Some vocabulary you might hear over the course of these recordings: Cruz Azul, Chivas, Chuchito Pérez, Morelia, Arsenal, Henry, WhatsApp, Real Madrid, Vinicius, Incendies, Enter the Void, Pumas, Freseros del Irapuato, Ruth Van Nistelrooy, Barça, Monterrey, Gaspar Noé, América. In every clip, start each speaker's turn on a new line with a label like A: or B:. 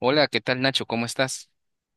A: Hola, ¿qué tal Nacho? ¿Cómo estás?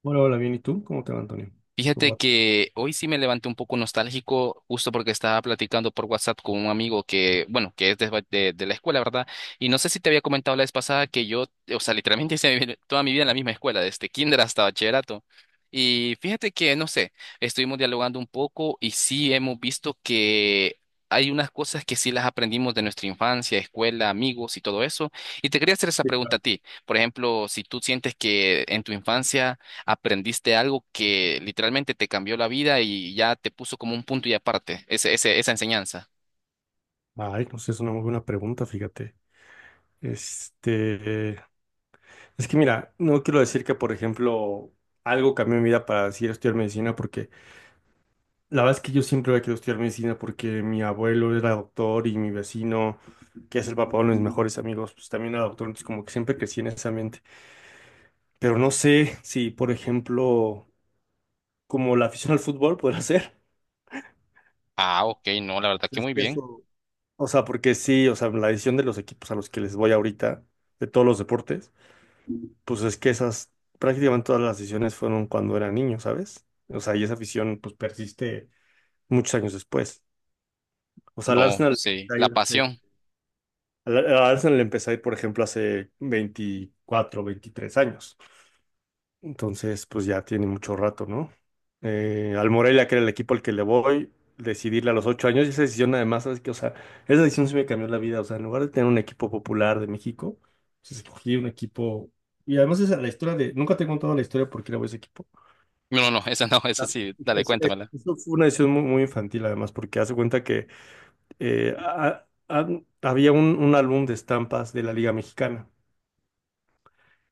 B: Hola, hola, bien. ¿Y tú? ¿Cómo te va, Antonio? ¿Cómo
A: Fíjate
B: va?
A: que hoy sí me levanté un poco nostálgico, justo porque estaba platicando por WhatsApp con un amigo que, bueno, que es de la escuela, ¿verdad? Y no sé si te había comentado la vez pasada que yo, o sea, literalmente toda mi vida en la misma escuela, desde kinder hasta bachillerato. Y fíjate que, no sé, estuvimos dialogando un poco y sí hemos visto que hay unas cosas que sí las aprendimos de nuestra infancia, escuela, amigos y todo eso. Y te quería hacer esa
B: Sí,
A: pregunta a
B: claro.
A: ti. Por ejemplo, si tú sientes que en tu infancia aprendiste algo que literalmente te cambió la vida y ya te puso como un punto y aparte, esa enseñanza.
B: Ay, pues es una muy buena pregunta, fíjate. Este, eh, es que mira, no quiero decir que, por ejemplo, algo cambió mi vida para decir estudiar medicina, porque la verdad es que yo siempre había querido estudiar medicina porque mi abuelo era doctor y mi vecino, que es el papá de uno de mis mejores amigos, pues también era doctor, entonces como que siempre crecí en ese ambiente. Pero no sé si, por ejemplo, como la afición al fútbol podrá ser.
A: Ah, ok, no, la verdad que
B: Es
A: muy
B: que
A: bien.
B: eso. O sea, porque sí, o sea, la decisión de los equipos a los que les voy ahorita, de todos los deportes, pues es que esas, prácticamente todas las decisiones fueron cuando era niño, ¿sabes? O sea, y esa afición pues persiste muchos años después. O sea, al
A: No,
B: Arsenal,
A: sí,
B: al
A: la pasión.
B: al Arsenal le empecé a ir, por ejemplo, hace 24, 23 años. Entonces, pues ya tiene mucho rato, ¿no? Al Morelia, que era el equipo al que le voy, decidirle a los 8 años, y esa decisión además, es que, o sea, esa decisión sí me cambió la vida, o sea, en lugar de tener un equipo popular de México, pues escogí un equipo, y además esa es la historia de, nunca te he contado la historia por qué le voy a ese equipo.
A: No, no, no, esa no, esa
B: Ah,
A: sí, dale, cuéntamela.
B: eso fue una decisión muy, muy infantil además, porque hace cuenta que había un álbum de estampas de la Liga Mexicana,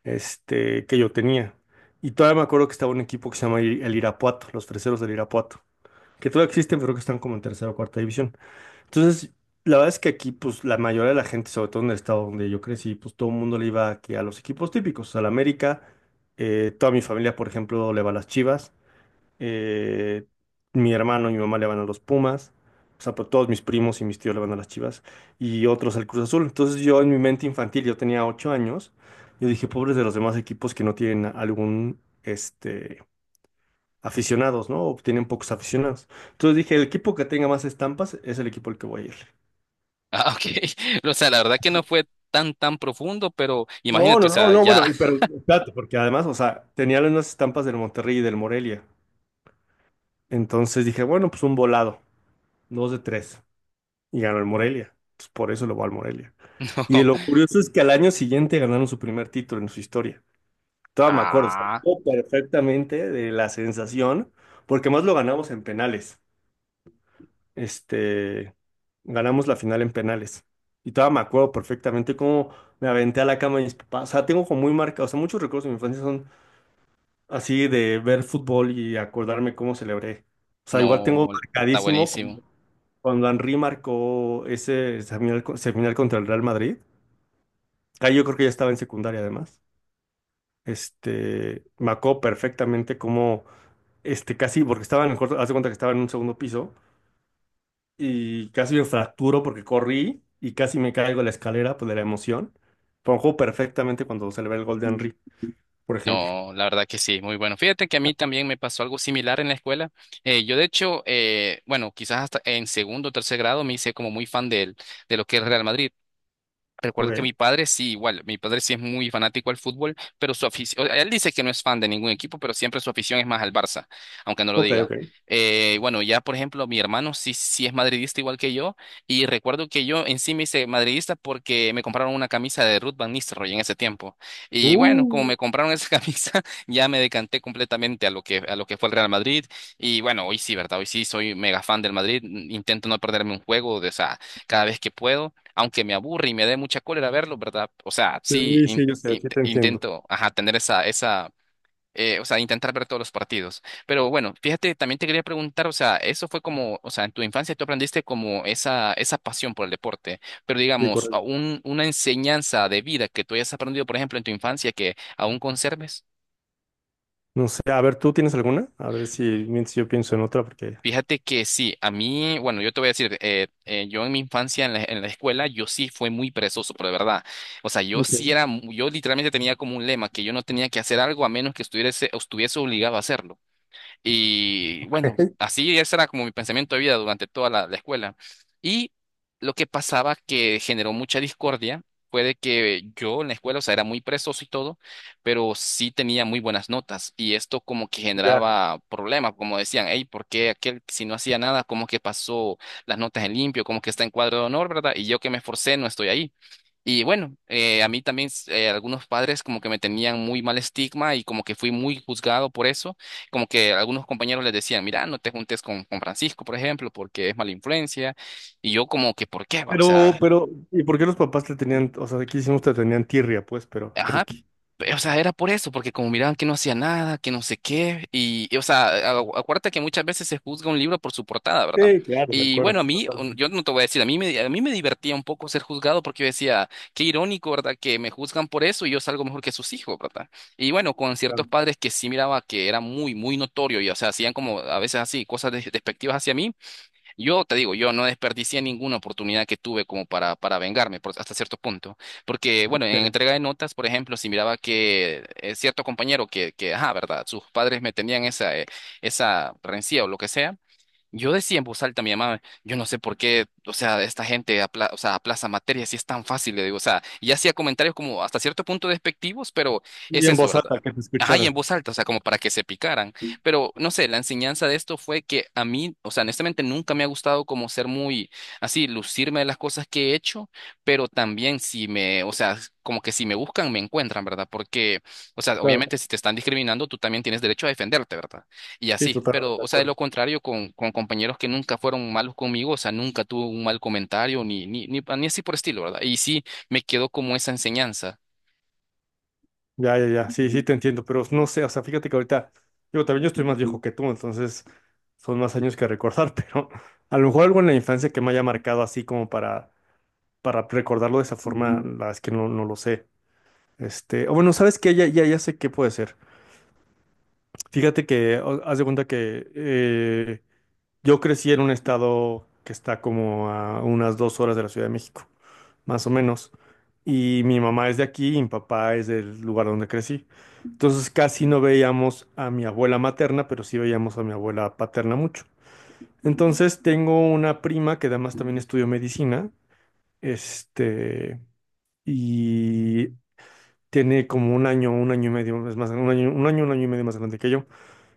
B: este, que yo tenía. Y todavía me acuerdo que estaba un equipo que se llama el Irapuato, los Freseros del Irapuato, que todavía existen, pero que están como en tercera o cuarta división. Entonces, la verdad es que aquí, pues, la mayoría de la gente, sobre todo en el estado donde yo crecí, pues, todo el mundo le iba aquí a los equipos típicos, al América, toda mi familia, por ejemplo, le va a las Chivas, eh, mi hermano y mi mamá le van a los Pumas, o sea, pues, todos mis primos y mis tíos le van a las Chivas, y otros al Cruz Azul. Entonces yo en mi mente infantil, yo tenía 8 años, yo dije, pobres de los demás equipos que no tienen algún, aficionados, ¿no? O tienen pocos aficionados. Entonces dije, el equipo que tenga más estampas es el equipo al que voy a ir.
A: Ah, ok. O sea, la verdad que no fue tan profundo, pero
B: No,
A: imagínate, o
B: no, no,
A: sea,
B: no,
A: ya,
B: bueno, y pero espérate, porque además, o sea, tenía unas estampas del Monterrey y del Morelia. Entonces dije, bueno, pues un volado, dos de tres. Y ganó el Morelia. Entonces, por eso lo va al Morelia. Y
A: no.
B: lo curioso es que al año siguiente ganaron su primer título en su historia. Todavía me acuerdo, o sea, me
A: Ah,
B: acuerdo perfectamente de la sensación, porque más lo ganamos en penales. Este, ganamos la final en penales. Y todavía me acuerdo perfectamente cómo me aventé a la cama de mis papás. O sea, tengo como muy marcado, o sea, muchos recuerdos de mi infancia son así de ver fútbol y acordarme cómo celebré. O sea, igual tengo
A: no, está
B: marcadísimo
A: buenísimo.
B: cuando Henry marcó ese semifinal, semifinal contra el Real Madrid. Ah, yo creo que ya estaba en secundaria además. Me acuerdo perfectamente cómo, casi, porque estaba en el cuarto, haz de cuenta que estaba en un segundo piso y casi me fracturo porque corrí y casi me caigo de la escalera, pues de la emoción. Pero me acuerdo perfectamente cuando se le ve el gol de Henry, por ejemplo.
A: No, la verdad que sí, muy bueno. Fíjate que a mí también me pasó algo similar en la escuela. Yo de hecho, bueno, quizás hasta en segundo o tercer grado me hice como muy de lo que es Real Madrid. Recuerdo que
B: Ok,
A: mi padre sí, igual, mi padre sí es muy fanático al fútbol, pero su afición, él dice que no es fan de ningún equipo, pero siempre su afición es más al Barça, aunque no lo
B: ok,
A: diga.
B: ok.
A: Bueno, ya por ejemplo, mi hermano sí es madridista igual que yo, y recuerdo que yo en sí me hice madridista porque me compraron una camisa de Ruth Van Nistelrooy en ese tiempo. Y bueno, como
B: Uh,
A: me compraron esa camisa, ya me decanté completamente a lo que fue el Real Madrid. Y bueno, hoy sí, ¿verdad? Hoy sí soy mega fan del Madrid, intento no perderme un juego, de, o sea, cada vez que puedo aunque me aburre y me dé mucha cólera verlo, ¿verdad? O sea, sí,
B: sí, sí, yo sé, sí te entiendo.
A: intento, ajá, tener esa, o sea, intentar ver todos los partidos. Pero bueno, fíjate, también te quería preguntar, o sea, eso fue como, o sea, en tu infancia tú aprendiste como esa pasión por el deporte, pero
B: Sí,
A: digamos, a
B: correcto.
A: un, una enseñanza de vida que tú hayas aprendido, por ejemplo, en tu infancia que aún conserves.
B: No sé, a ver, ¿tú tienes alguna? A ver si mientras yo pienso en otra porque...
A: Fíjate que sí, a mí, bueno, yo te voy a decir, yo en mi infancia en en la escuela, yo sí fui muy perezoso, pero de verdad. O sea, yo sí
B: Ok.
A: era, yo literalmente tenía como un lema que yo no tenía que hacer algo a menos que estuviese obligado a hacerlo. Y bueno, así ese era como mi pensamiento de vida durante toda la escuela. Y lo que pasaba que generó mucha discordia fue de que yo en la escuela, o sea, era muy presoso y todo, pero sí tenía muy buenas notas. Y esto como que
B: Ya.
A: generaba problemas, como decían, hey, ¿por qué aquel si no hacía nada, como que pasó las notas en limpio, como que está en cuadro de honor, ¿verdad? Y yo que me esforcé no estoy ahí. Y bueno, a mí también algunos padres como que me tenían muy mal estigma y como que fui muy juzgado por eso, como que algunos compañeros les decían, mira, no te juntes con Francisco, por ejemplo, porque es mala influencia, y yo como que, ¿por qué? Va? O
B: Pero,
A: sea,
B: pero, ¿y por qué los papás te tenían, o sea, aquí hicimos te tenían tirria, pues, pero ¿por
A: ajá.
B: qué?
A: O sea, era por eso, porque como miraban que no hacía nada, que no sé qué, o sea, acuérdate que muchas veces se juzga un libro por su portada, ¿verdad?
B: Sí, claro, de
A: Y bueno, a
B: acuerdo.
A: mí,
B: Totalmente,
A: yo no te voy a decir, a mí a mí me divertía un poco ser juzgado porque yo decía, qué irónico, ¿verdad? Que me juzgan por eso y yo salgo mejor que sus hijos, ¿verdad? Y bueno, con ciertos
B: claro.
A: padres que sí miraba que era muy notorio y, o sea, hacían como a veces así, despectivas hacia mí, yo te digo, yo no desperdicié ninguna oportunidad que tuve como para vengarme por- hasta cierto punto. Porque, bueno, en
B: Sí.
A: entrega de notas, por ejemplo, si miraba que cierto compañero ajá, ¿verdad? Sus padres me tenían esa, esa rencilla o lo que sea. Yo decía en voz alta a mi mamá, yo no sé por qué, o sea, esta gente o sea, aplaza materias si es tan fácil, le digo, o sea, y hacía comentarios como hasta cierto punto despectivos, pero
B: Y
A: es
B: en
A: eso,
B: voz
A: ¿verdad?
B: alta, que te
A: Ajá, y en
B: escucharon.
A: voz alta, o sea, como para que se picaran. Pero no sé, la enseñanza de esto fue que a mí, o sea, honestamente nunca me ha gustado como ser muy así, lucirme de las cosas que he hecho, pero también si me, o sea, como que si me buscan, me encuentran, ¿verdad? Porque, o sea,
B: Claro,
A: obviamente si te están discriminando, tú también tienes derecho a defenderte, ¿verdad? Y
B: sí,
A: así,
B: totalmente
A: pero,
B: de
A: o sea, de
B: acuerdo.
A: lo contrario, con compañeros que nunca fueron malos conmigo, o sea, nunca tuve un mal comentario, ni así por estilo, ¿verdad? Y sí, me quedó como esa enseñanza.
B: Ya, ya, ya, sí, sí, te entiendo, pero no sé, o sea, fíjate que ahorita, digo, también yo estoy más viejo que tú, entonces son más años que recordar, pero a lo mejor algo en la infancia que me haya marcado así como para recordarlo de esa forma, la verdad es que no, no lo sé. O bueno, ¿sabes qué? Ya, ya, ya sé qué puede ser. Fíjate que, haz de cuenta que, yo crecí en un estado que está como a unas 2 horas de la Ciudad de México, más o menos. Y mi mamá es de aquí y mi papá es del lugar donde crecí. Entonces casi no veíamos a mi abuela materna, pero sí veíamos a mi abuela paterna mucho. Entonces tengo una prima que además también estudió medicina, este, y tiene como un año y medio, es más, un año y medio más grande que yo.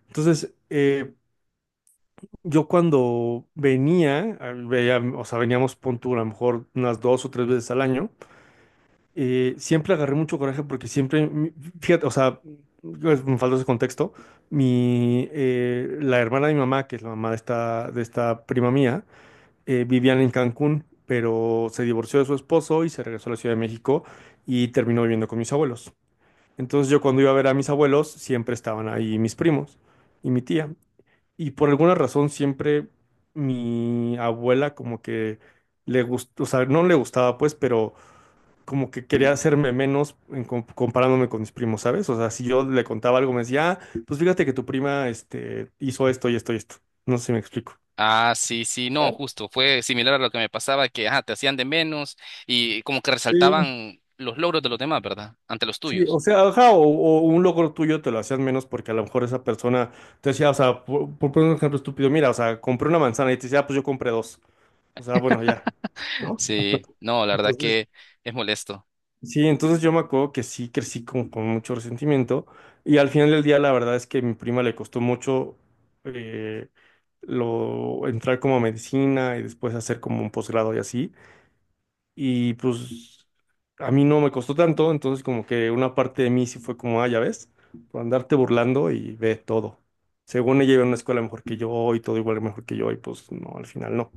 B: Entonces, yo cuando venía, veía, o sea, veníamos, pon tú, a lo mejor unas 2 o 3 veces al año, siempre agarré mucho coraje porque siempre, fíjate, o sea, pues, me falta ese contexto, la hermana de mi mamá, que es la mamá de esta prima mía, vivían en Cancún, pero se divorció de su esposo y se regresó a la Ciudad de México y terminó viviendo con mis abuelos. Entonces yo cuando iba a ver a mis abuelos, siempre estaban ahí mis primos y mi tía. Y por alguna razón siempre mi abuela como que le gustó, o sea, no le gustaba pues, pero como que quería hacerme menos en comparándome con mis primos, ¿sabes? O sea, si yo le contaba algo me decía: ah, pues fíjate que tu prima, hizo esto y esto y esto. No sé si me explico.
A: Ah, sí, sí, no,
B: Claro.
A: justo, fue similar a lo que me pasaba, que, ajá, te hacían de menos y como que
B: Sí,
A: resaltaban los logros de los demás, ¿verdad? Ante los
B: sí,
A: tuyos.
B: o sea, ajá, o un logro tuyo te lo hacían menos porque a lo mejor esa persona te decía, o sea, por poner un ejemplo estúpido, mira, o sea, compré una manzana y te decía: ah, pues yo compré dos. O sea, bueno, ya, ¿no?
A: Sí, no, la verdad que es molesto.
B: Sí, entonces yo me acuerdo que sí crecí como con mucho resentimiento y al final del día la verdad es que a mi prima le costó mucho eh, lo entrar como a medicina y después hacer como un posgrado y así, y pues a mí no me costó tanto, entonces como que una parte de mí sí fue como: ah, ya ves, por andarte burlando y ve todo. Según ella iba a una escuela mejor que yo y todo igual mejor que yo y pues no, al final no.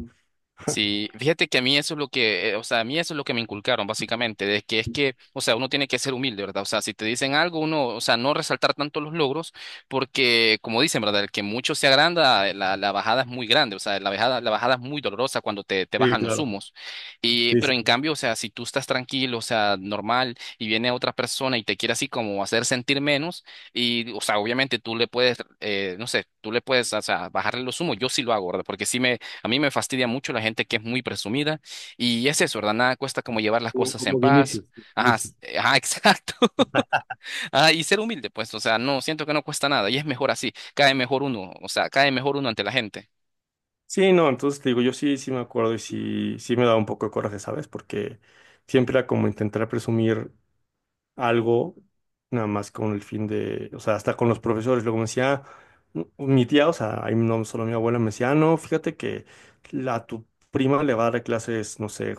A: Sí, fíjate que a mí eso es lo que, o sea, a mí eso es lo que me inculcaron básicamente, de que es que, o sea, uno tiene que ser humilde, ¿verdad? O sea, si te dicen algo, uno, o sea, no resaltar tanto los logros, porque como dicen, ¿verdad? El que mucho se agranda, la bajada es muy grande, o sea, la bajada es muy dolorosa cuando te
B: Sí,
A: bajan los
B: claro.
A: humos. Y,
B: Sí,
A: pero
B: sí,
A: en
B: sí.
A: cambio, o sea, si tú estás tranquilo, o sea, normal, y viene otra persona y te quiere así como hacer sentir menos, y, o sea, obviamente tú le puedes, no sé, tú le puedes, o sea, bajarle los humos, yo sí lo hago, ¿verdad? Porque sí me a mí me fastidia mucho la gente que es muy presumida y es eso, ¿verdad? Nada cuesta como llevar las
B: Como,
A: cosas en
B: como
A: paz.
B: Vinicius,
A: Ajá,
B: Vinicius.
A: ajá, exacto. Ah, y ser humilde, pues, o sea, no, siento que no cuesta nada y es mejor así. Cae mejor uno, o sea, cae mejor uno ante la gente.
B: Sí, no, entonces te digo, yo sí, sí me acuerdo y sí, sí me daba un poco de coraje, ¿sabes? Porque siempre era como intentar presumir algo, nada más con el fin de, o sea, hasta con los profesores. Luego me decía: "Mm, mi tía, o sea, ahí no solo mi abuela, me decía: ah, no, fíjate que la, tu prima le va a dar clases, no sé,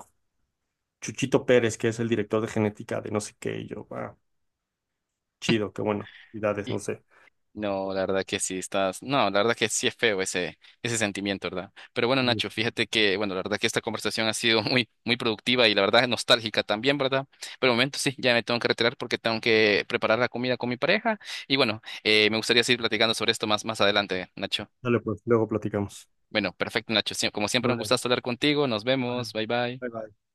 B: Chuchito Pérez, que es el director de genética de no sé qué", y yo: ah, chido, qué bueno, edades, no sé.
A: No, la verdad que sí estás. No, la verdad que sí es feo ese, ese sentimiento, ¿verdad? Pero bueno,
B: Y
A: Nacho, fíjate que, bueno, la verdad que esta conversación ha sido muy, muy productiva y la verdad nostálgica también, ¿verdad? Pero de momento sí, ya me tengo que retirar porque tengo que preparar la comida con mi pareja. Y bueno, me gustaría seguir platicando sobre esto más adelante, Nacho.
B: Dale, pues, luego platicamos.
A: Bueno, perfecto, Nacho. Como siempre, un
B: Vale,
A: gustazo hablar contigo. Nos
B: vale.
A: vemos. Bye bye.
B: Bye, bye.